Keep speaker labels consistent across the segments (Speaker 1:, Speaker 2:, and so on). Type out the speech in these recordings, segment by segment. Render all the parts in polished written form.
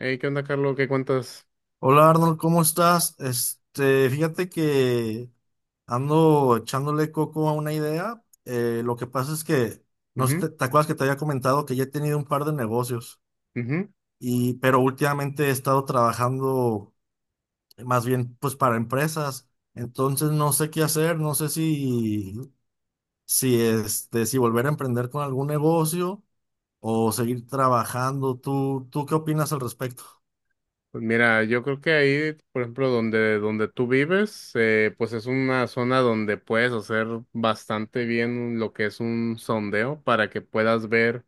Speaker 1: Hey, ¿qué onda, Carlos? ¿Qué cuentas?
Speaker 2: Hola Arnold, ¿cómo estás? Fíjate que ando echándole coco a una idea. Lo que pasa es que, no sé, te,
Speaker 1: Ujú,
Speaker 2: te acuerdas que te había comentado que ya he tenido un par de negocios,
Speaker 1: ujú.
Speaker 2: pero últimamente he estado trabajando más bien pues para empresas. Entonces no sé qué hacer, no sé si, si volver a emprender con algún negocio o seguir trabajando. ¿Tú qué opinas al respecto?
Speaker 1: Pues mira, yo creo que ahí, por ejemplo, donde tú vives, pues es una zona donde puedes hacer bastante bien lo que es un sondeo para que puedas ver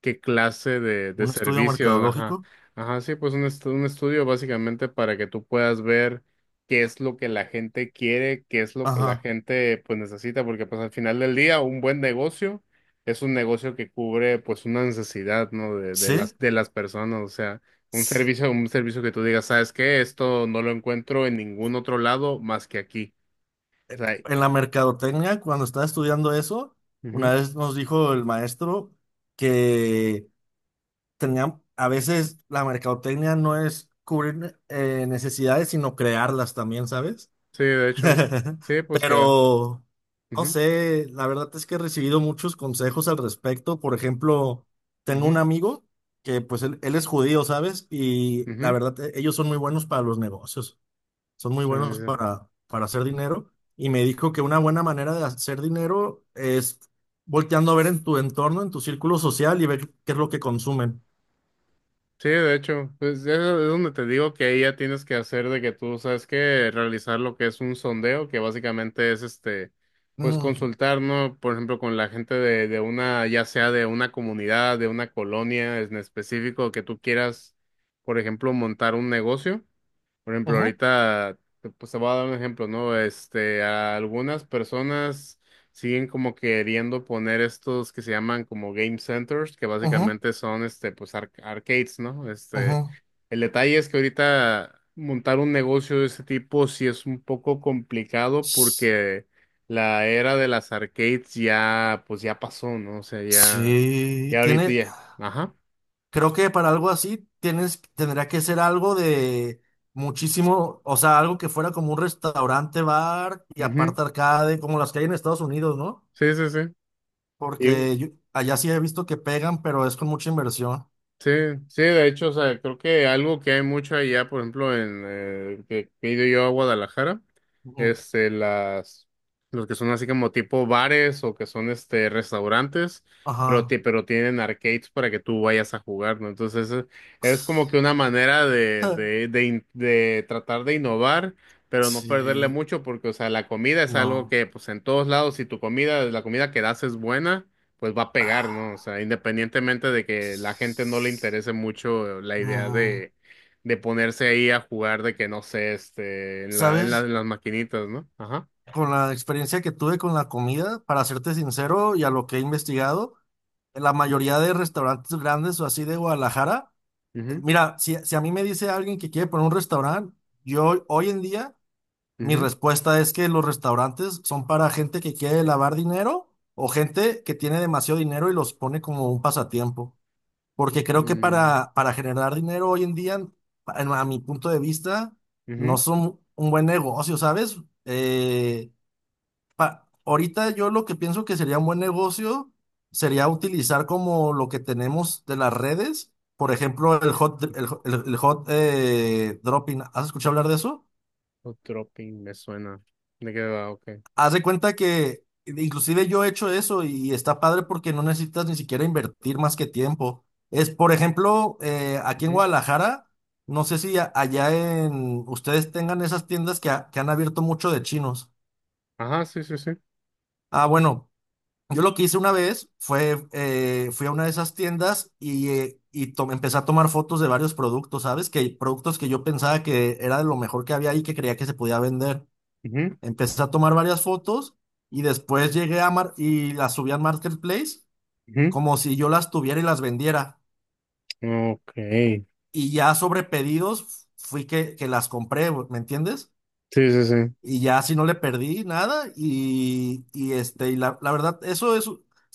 Speaker 1: qué clase de
Speaker 2: ¿Un estudio
Speaker 1: servicios, ajá,
Speaker 2: mercadológico?
Speaker 1: ajá. Sí, pues un estudio básicamente para que tú puedas ver qué es lo que la gente quiere, qué es lo que la
Speaker 2: Ajá.
Speaker 1: gente pues necesita, porque pues al final del día un buen negocio es un negocio que cubre pues una necesidad, ¿no? De, de
Speaker 2: ¿Sí?
Speaker 1: las, de las personas, o sea, un servicio que tú digas, ¿sabes qué? Esto no lo encuentro en ningún otro lado más que aquí. O sea,
Speaker 2: En la mercadotecnia, cuando estaba estudiando eso, una
Speaker 1: ujú.
Speaker 2: vez nos dijo el maestro que tenían, a veces la mercadotecnia no es cubrir necesidades, sino crearlas también, ¿sabes?
Speaker 1: Sí, de hecho, sí, pues que,
Speaker 2: Pero, no
Speaker 1: ujú,
Speaker 2: sé, la verdad es que he recibido muchos consejos al respecto. Por ejemplo, tengo un
Speaker 1: ujú,
Speaker 2: amigo que pues él es judío, ¿sabes? Y la
Speaker 1: ujú,
Speaker 2: verdad, ellos son muy buenos para los negocios, son muy
Speaker 1: sí,
Speaker 2: buenos
Speaker 1: sí, sí.
Speaker 2: para, hacer dinero. Y me dijo que una buena manera de hacer dinero es volteando a ver en tu entorno, en tu círculo social y ver qué es lo que consumen.
Speaker 1: Sí, de hecho, pues eso es donde te digo que ahí ya tienes que hacer de que tú sabes que realizar lo que es un sondeo, que básicamente es pues
Speaker 2: Ujú,
Speaker 1: consultar, ¿no? Por ejemplo, con la gente de una, ya sea de una comunidad, de una colonia en específico, que tú quieras, por ejemplo, montar un negocio. Por ejemplo,
Speaker 2: ujú,
Speaker 1: ahorita, pues te voy a dar un ejemplo, ¿no? A algunas personas siguen como queriendo poner estos que se llaman como game centers, que
Speaker 2: ujú,
Speaker 1: básicamente son, pues arcades, ¿no?
Speaker 2: ujú.
Speaker 1: El detalle es que ahorita montar un negocio de ese tipo sí es un poco complicado
Speaker 2: S-
Speaker 1: porque la era de las arcades ya, pues ya pasó, ¿no? O sea, ya,
Speaker 2: Sí.
Speaker 1: ya ahorita ya, ajá.
Speaker 2: Creo que para algo así tendría que ser algo de muchísimo, o sea, algo que fuera como un restaurante, bar y
Speaker 1: Ujú,
Speaker 2: aparte arcade, como las que hay en Estados Unidos, ¿no?
Speaker 1: sí, sí, sí.
Speaker 2: Porque allá sí he visto que pegan, pero es con mucha inversión.
Speaker 1: Sí, sí, de hecho, o sea, creo que algo que hay mucho allá, por ejemplo, en que he ido yo a Guadalajara, este, las, los que son así como tipo bares o que son restaurantes, pero,
Speaker 2: Ajá.
Speaker 1: pero tienen arcades para que tú vayas a jugar, ¿no? Entonces, es como que una manera de tratar de innovar, pero no perderle
Speaker 2: Sí,
Speaker 1: mucho, porque, o sea, la comida es algo
Speaker 2: no.
Speaker 1: que, pues, en todos lados, si tu comida, la comida que das es buena, pues va a pegar, ¿no? O
Speaker 2: Ah.
Speaker 1: sea, independientemente de que la gente no le interese mucho la idea
Speaker 2: Mm,
Speaker 1: de ponerse ahí a jugar de que no sé, en la,
Speaker 2: ¿Sabes?
Speaker 1: en las maquinitas, ¿no? Ajá.
Speaker 2: Con la experiencia que tuve con la comida, para serte sincero y a lo que he investigado, la mayoría de restaurantes grandes o así de Guadalajara,
Speaker 1: Ujú,
Speaker 2: mira, si, a mí me dice alguien que quiere poner un restaurante, yo hoy en día, mi
Speaker 1: ujú,
Speaker 2: respuesta es que los restaurantes son para gente que quiere lavar dinero o gente que tiene demasiado dinero y los pone como un pasatiempo. Porque creo que
Speaker 1: mm,
Speaker 2: para, generar dinero hoy en día, a mi punto de vista, no
Speaker 1: ujú,
Speaker 2: son un buen negocio, ¿sabes? Eh, ahorita yo lo que pienso que sería un buen negocio sería utilizar como lo que tenemos de las redes, por ejemplo, el hot, el,
Speaker 1: ujú.
Speaker 2: el- el hot, eh, dropping. ¿Has escuchado hablar de eso?
Speaker 1: O Tropping me suena. ¿De qué va? Ok.
Speaker 2: Haz de cuenta que inclusive yo he hecho eso y está padre porque no necesitas ni siquiera invertir más que tiempo. Es, por ejemplo, aquí en
Speaker 1: Ujú.
Speaker 2: Guadalajara, no sé si allá en ustedes tengan esas tiendas que han abierto mucho de chinos.
Speaker 1: Ajá, sí, sí, sí.
Speaker 2: Ah, bueno, yo lo que hice una vez fue, fui a una de esas tiendas y empecé a tomar fotos de varios productos, ¿sabes? Que productos que yo pensaba que era de lo mejor que había ahí que creía que se podía vender.
Speaker 1: Ujú,
Speaker 2: Empecé a tomar varias fotos y después llegué a Mar y las subí a Marketplace como si yo las tuviera y las vendiera.
Speaker 1: ujú. Ok. Sí,
Speaker 2: Y ya sobre pedidos fui que, las compré, güey, ¿me entiendes?
Speaker 1: sí, sí.
Speaker 2: Y ya así no le perdí nada y la verdad, eso es,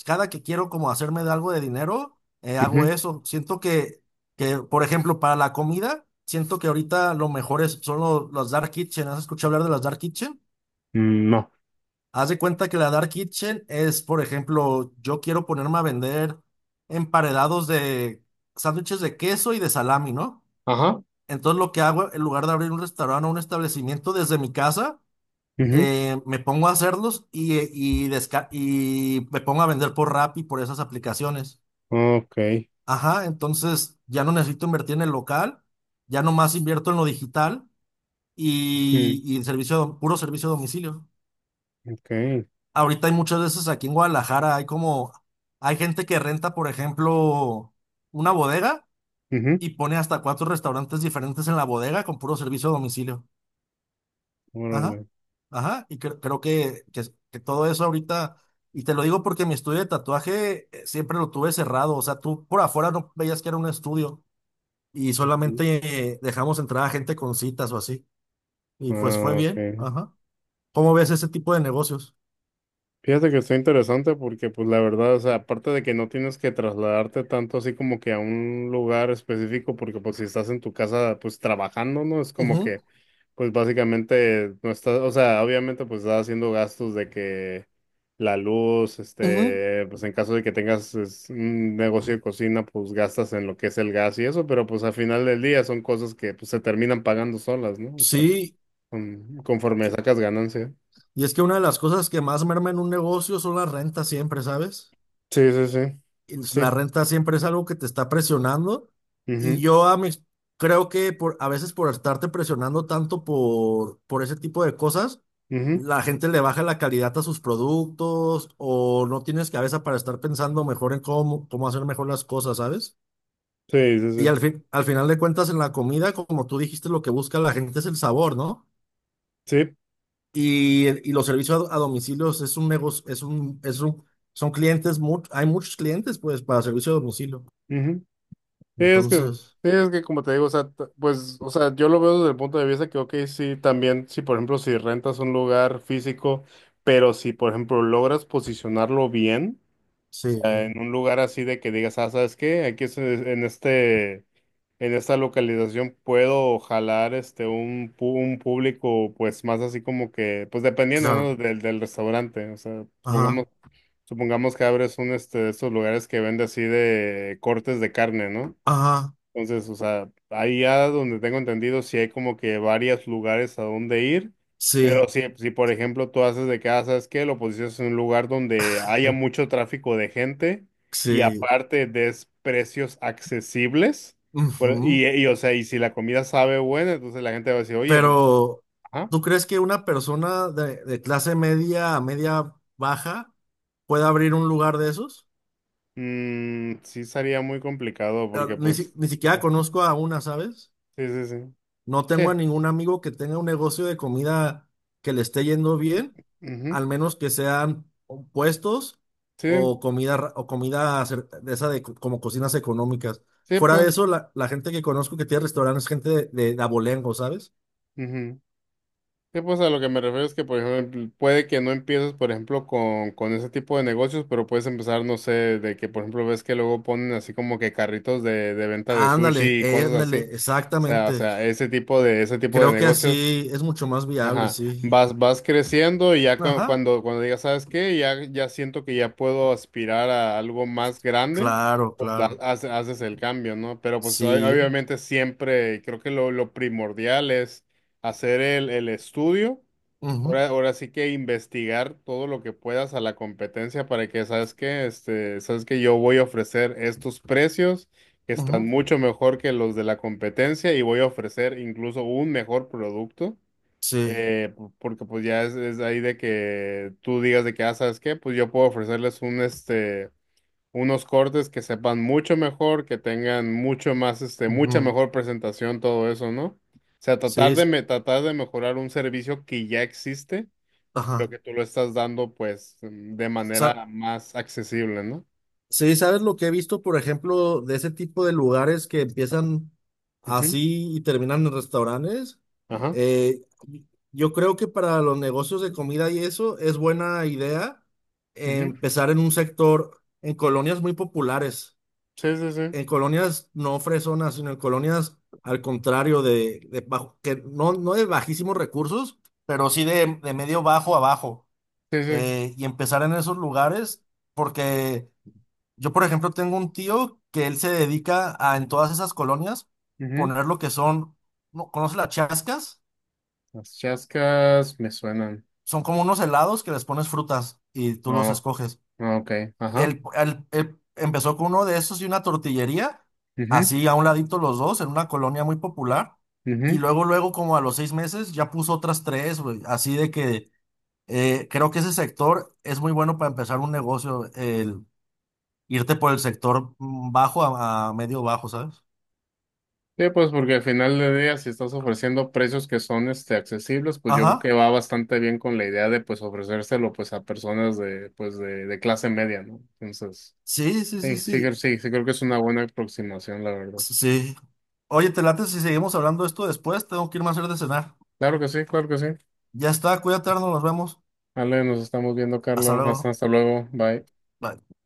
Speaker 2: cada que quiero como hacerme de algo de dinero, hago
Speaker 1: Ujú.
Speaker 2: eso. Siento que, por ejemplo, para la comida, siento que ahorita lo mejor es, son los dark kitchen. ¿Has escuchado hablar de las dark kitchen?
Speaker 1: Mm, no.
Speaker 2: Haz de cuenta que la Dark Kitchen es, por ejemplo, yo quiero ponerme a vender emparedados de sándwiches de queso y de salami, ¿no?
Speaker 1: Ajá.
Speaker 2: Entonces lo que hago, en lugar de abrir un restaurante o un establecimiento desde mi casa,
Speaker 1: Ujú.
Speaker 2: me pongo a hacerlos y me pongo a vender por Rappi, por esas aplicaciones.
Speaker 1: Ok.
Speaker 2: Ajá, entonces ya no necesito invertir en el local, ya nomás invierto en lo digital
Speaker 1: Ujú,
Speaker 2: y servicio, puro servicio a domicilio.
Speaker 1: ok.
Speaker 2: Ahorita hay muchas veces aquí en Guadalajara, hay gente que renta, por ejemplo, una bodega
Speaker 1: Ujú.
Speaker 2: y pone hasta cuatro restaurantes diferentes en la bodega con puro servicio a domicilio.
Speaker 1: Órale.
Speaker 2: Ajá, ajá, y creo que todo eso ahorita, y te lo digo porque mi estudio de tatuaje siempre lo tuve cerrado, o sea, tú por afuera no veías que era un estudio y
Speaker 1: Ujú.
Speaker 2: solamente dejamos entrar a gente con citas o así, y pues fue
Speaker 1: Ah,
Speaker 2: bien,
Speaker 1: ok.
Speaker 2: ajá. ¿Cómo ves ese tipo de negocios?
Speaker 1: Fíjate que está interesante porque, pues, la verdad, o sea, aparte de que no tienes que trasladarte tanto así como que a un lugar específico, porque, pues, si estás en tu casa, pues, trabajando, ¿no? Es como
Speaker 2: Ujú,
Speaker 1: que, pues, básicamente no estás, o sea, obviamente, pues, estás haciendo gastos de que la luz,
Speaker 2: ujú.
Speaker 1: pues, en caso de que tengas es, un negocio de cocina, pues, gastas en lo que es el gas y eso, pero, pues, al final del día son cosas que, pues, se terminan pagando solas, ¿no? O sea,
Speaker 2: Sí,
Speaker 1: conforme sacas ganancia.
Speaker 2: y es que una de las cosas que más merma en un negocio son las rentas siempre, ¿sabes?
Speaker 1: Sí, sí, sí.
Speaker 2: La
Speaker 1: Sí.
Speaker 2: renta siempre es algo que te está presionando y
Speaker 1: Ujú.
Speaker 2: yo a mis- creo que por, a veces por estarte presionando tanto por ese tipo de cosas,
Speaker 1: Ujú,
Speaker 2: la gente le baja la calidad a sus productos o no tienes cabeza para estar pensando mejor en cómo hacer mejor las cosas, ¿sabes?
Speaker 1: sí, sí,
Speaker 2: Y
Speaker 1: sí.
Speaker 2: al final de cuentas en la comida, como tú dijiste, lo que busca la gente es el sabor, ¿no?
Speaker 1: Sí,
Speaker 2: Y los servicios a, domicilios es un negocio, son clientes, hay muchos clientes pues para servicio a domicilio.
Speaker 1: ujú. Sí, es que,
Speaker 2: Entonces,
Speaker 1: sí, es que como te digo, o sea, pues, o sea, yo lo veo desde el punto de vista que, ok, sí, también, si por ejemplo, si rentas un lugar físico, pero si por ejemplo logras posicionarlo bien. Sea, en
Speaker 2: sí,
Speaker 1: un lugar así de que digas, ah, ¿sabes qué? Aquí es en esta localización puedo jalar un, un público, pues más así como que, pues dependiendo, ¿no?
Speaker 2: claro.
Speaker 1: Del restaurante. O sea,
Speaker 2: Ajá,
Speaker 1: supongamos, supongamos que abres un este de estos lugares que vende así de cortes de carne, ¿no?
Speaker 2: ajá,
Speaker 1: Entonces, o sea, ahí ya donde tengo entendido, sí hay como que varios lugares a donde ir, pero
Speaker 2: sí,
Speaker 1: si por ejemplo tú haces de casa, ¿sabes qué? Lo posicionas en un lugar donde haya mucho tráfico de gente y
Speaker 2: sí.
Speaker 1: aparte des precios accesibles, pues,
Speaker 2: Ujú.
Speaker 1: o sea, y si la comida sabe buena, entonces la gente va a decir, oye, pues,
Speaker 2: Pero,
Speaker 1: ajá,
Speaker 2: ¿tú crees que una persona de clase media a media baja pueda abrir un lugar de esos?
Speaker 1: mm, sí sería muy complicado
Speaker 2: Ah,
Speaker 1: porque pues,
Speaker 2: Ni siquiera
Speaker 1: ah,
Speaker 2: conozco a una, ¿sabes?
Speaker 1: sí, sí, sí,
Speaker 2: No tengo
Speaker 1: sí,
Speaker 2: a ningún amigo que tenga un negocio de comida que le esté yendo bien,
Speaker 1: sí, ujú,
Speaker 2: al menos que sean o puestos
Speaker 1: sí,
Speaker 2: o comida de esa como cocinas económicas.
Speaker 1: sí,
Speaker 2: Fuera de
Speaker 1: pues,
Speaker 2: eso, la gente que conozco que tiene restaurantes es gente de abolengo, ¿sabes?
Speaker 1: ujú. Sí, pues a lo que me refiero es que, por ejemplo, puede que no empieces, por ejemplo, con ese tipo de negocios, pero puedes empezar, no sé, de que, por ejemplo, ves que luego ponen así como que carritos de venta de
Speaker 2: Ándale,
Speaker 1: sushi y cosas así.
Speaker 2: ándale,
Speaker 1: O
Speaker 2: exactamente.
Speaker 1: sea, ese tipo de
Speaker 2: Creo que
Speaker 1: negocios.
Speaker 2: así es mucho más viable,
Speaker 1: Ajá,
Speaker 2: sí.
Speaker 1: vas, vas creciendo y ya
Speaker 2: Ajá,
Speaker 1: cuando digas, ¿sabes qué? Ya, ya siento que ya puedo aspirar a algo más grande,
Speaker 2: claro,
Speaker 1: pues
Speaker 2: claro.
Speaker 1: haces el cambio, ¿no? Pero pues
Speaker 2: Sí.
Speaker 1: obviamente siempre creo que lo primordial es hacer el estudio,
Speaker 2: Ujú,
Speaker 1: ahora sí que investigar todo lo que puedas a la competencia para que, ¿sabes qué? ¿Sabes que yo voy a ofrecer estos precios que están
Speaker 2: ujú,
Speaker 1: mucho mejor que los de la competencia y voy a ofrecer incluso un mejor producto?
Speaker 2: sí.
Speaker 1: Porque pues ya es ahí de que tú digas de que, ah, ¿sabes qué? Pues yo puedo ofrecerles un, unos cortes que sepan mucho mejor, que tengan mucho más, mucha
Speaker 2: Ujú,
Speaker 1: mejor presentación, todo eso, ¿no? O sea,
Speaker 2: sí.
Speaker 1: tratar de, tratar de mejorar un servicio que ya existe, pero
Speaker 2: Ajá.
Speaker 1: que tú lo estás dando, pues, mm, de
Speaker 2: Sa-
Speaker 1: manera más accesible, ¿no?
Speaker 2: Sí, ¿sabes lo que he visto, por ejemplo, de ese tipo de lugares que empiezan
Speaker 1: Ujú,
Speaker 2: así y terminan en restaurantes?
Speaker 1: ajá,
Speaker 2: Eh, yo creo que para los negocios de comida y eso es buena idea
Speaker 1: ujú.
Speaker 2: empezar en un sector, en colonias muy populares,
Speaker 1: Sí, sí, sí.
Speaker 2: en colonias no fresonas, sino en colonias al contrario de que no, no de bajísimos recursos, pero sí de medio bajo a bajo.
Speaker 1: Sí, sí,
Speaker 2: Y empezar en esos lugares porque... Yo, por ejemplo, tengo un tío que él se dedica a en todas esas colonias
Speaker 1: ujú.
Speaker 2: poner lo que son, ¿no? ¿Conoce las chascas?
Speaker 1: Las chascas me suenan.
Speaker 2: Son como unos helados que les pones frutas y tú los
Speaker 1: Oh,
Speaker 2: escoges.
Speaker 1: ok. Ajá.
Speaker 2: Él empezó con uno de esos y una tortillería,
Speaker 1: Ujú,
Speaker 2: así a un ladito los dos, en una colonia muy popular. Y
Speaker 1: ujú.
Speaker 2: luego, luego, como a los 6 meses, ya puso otras tres, güey. Así de que creo que ese sector es muy bueno para empezar un negocio, el irte por el sector bajo a medio bajo, ¿sabes?
Speaker 1: Sí, pues porque al final del día, si estás ofreciendo precios que son accesibles, pues yo creo que
Speaker 2: Ajá.
Speaker 1: va bastante bien con la idea de pues ofrecérselo pues a personas de pues de clase media, ¿no? Entonces,
Speaker 2: Sí, sí, sí,
Speaker 1: sí, sí,
Speaker 2: sí.
Speaker 1: sí, sí creo que es una buena aproximación, la verdad.
Speaker 2: Sí. Oye, te late si seguimos hablando de esto después. Tengo que irme a hacer de cenar.
Speaker 1: Claro que sí, claro que sí.
Speaker 2: Ya está, cuídate, Arnold, nos vemos.
Speaker 1: Vale, nos estamos viendo,
Speaker 2: Hasta
Speaker 1: Carlos. Hasta,
Speaker 2: luego.
Speaker 1: hasta luego. Bye.
Speaker 2: Bye.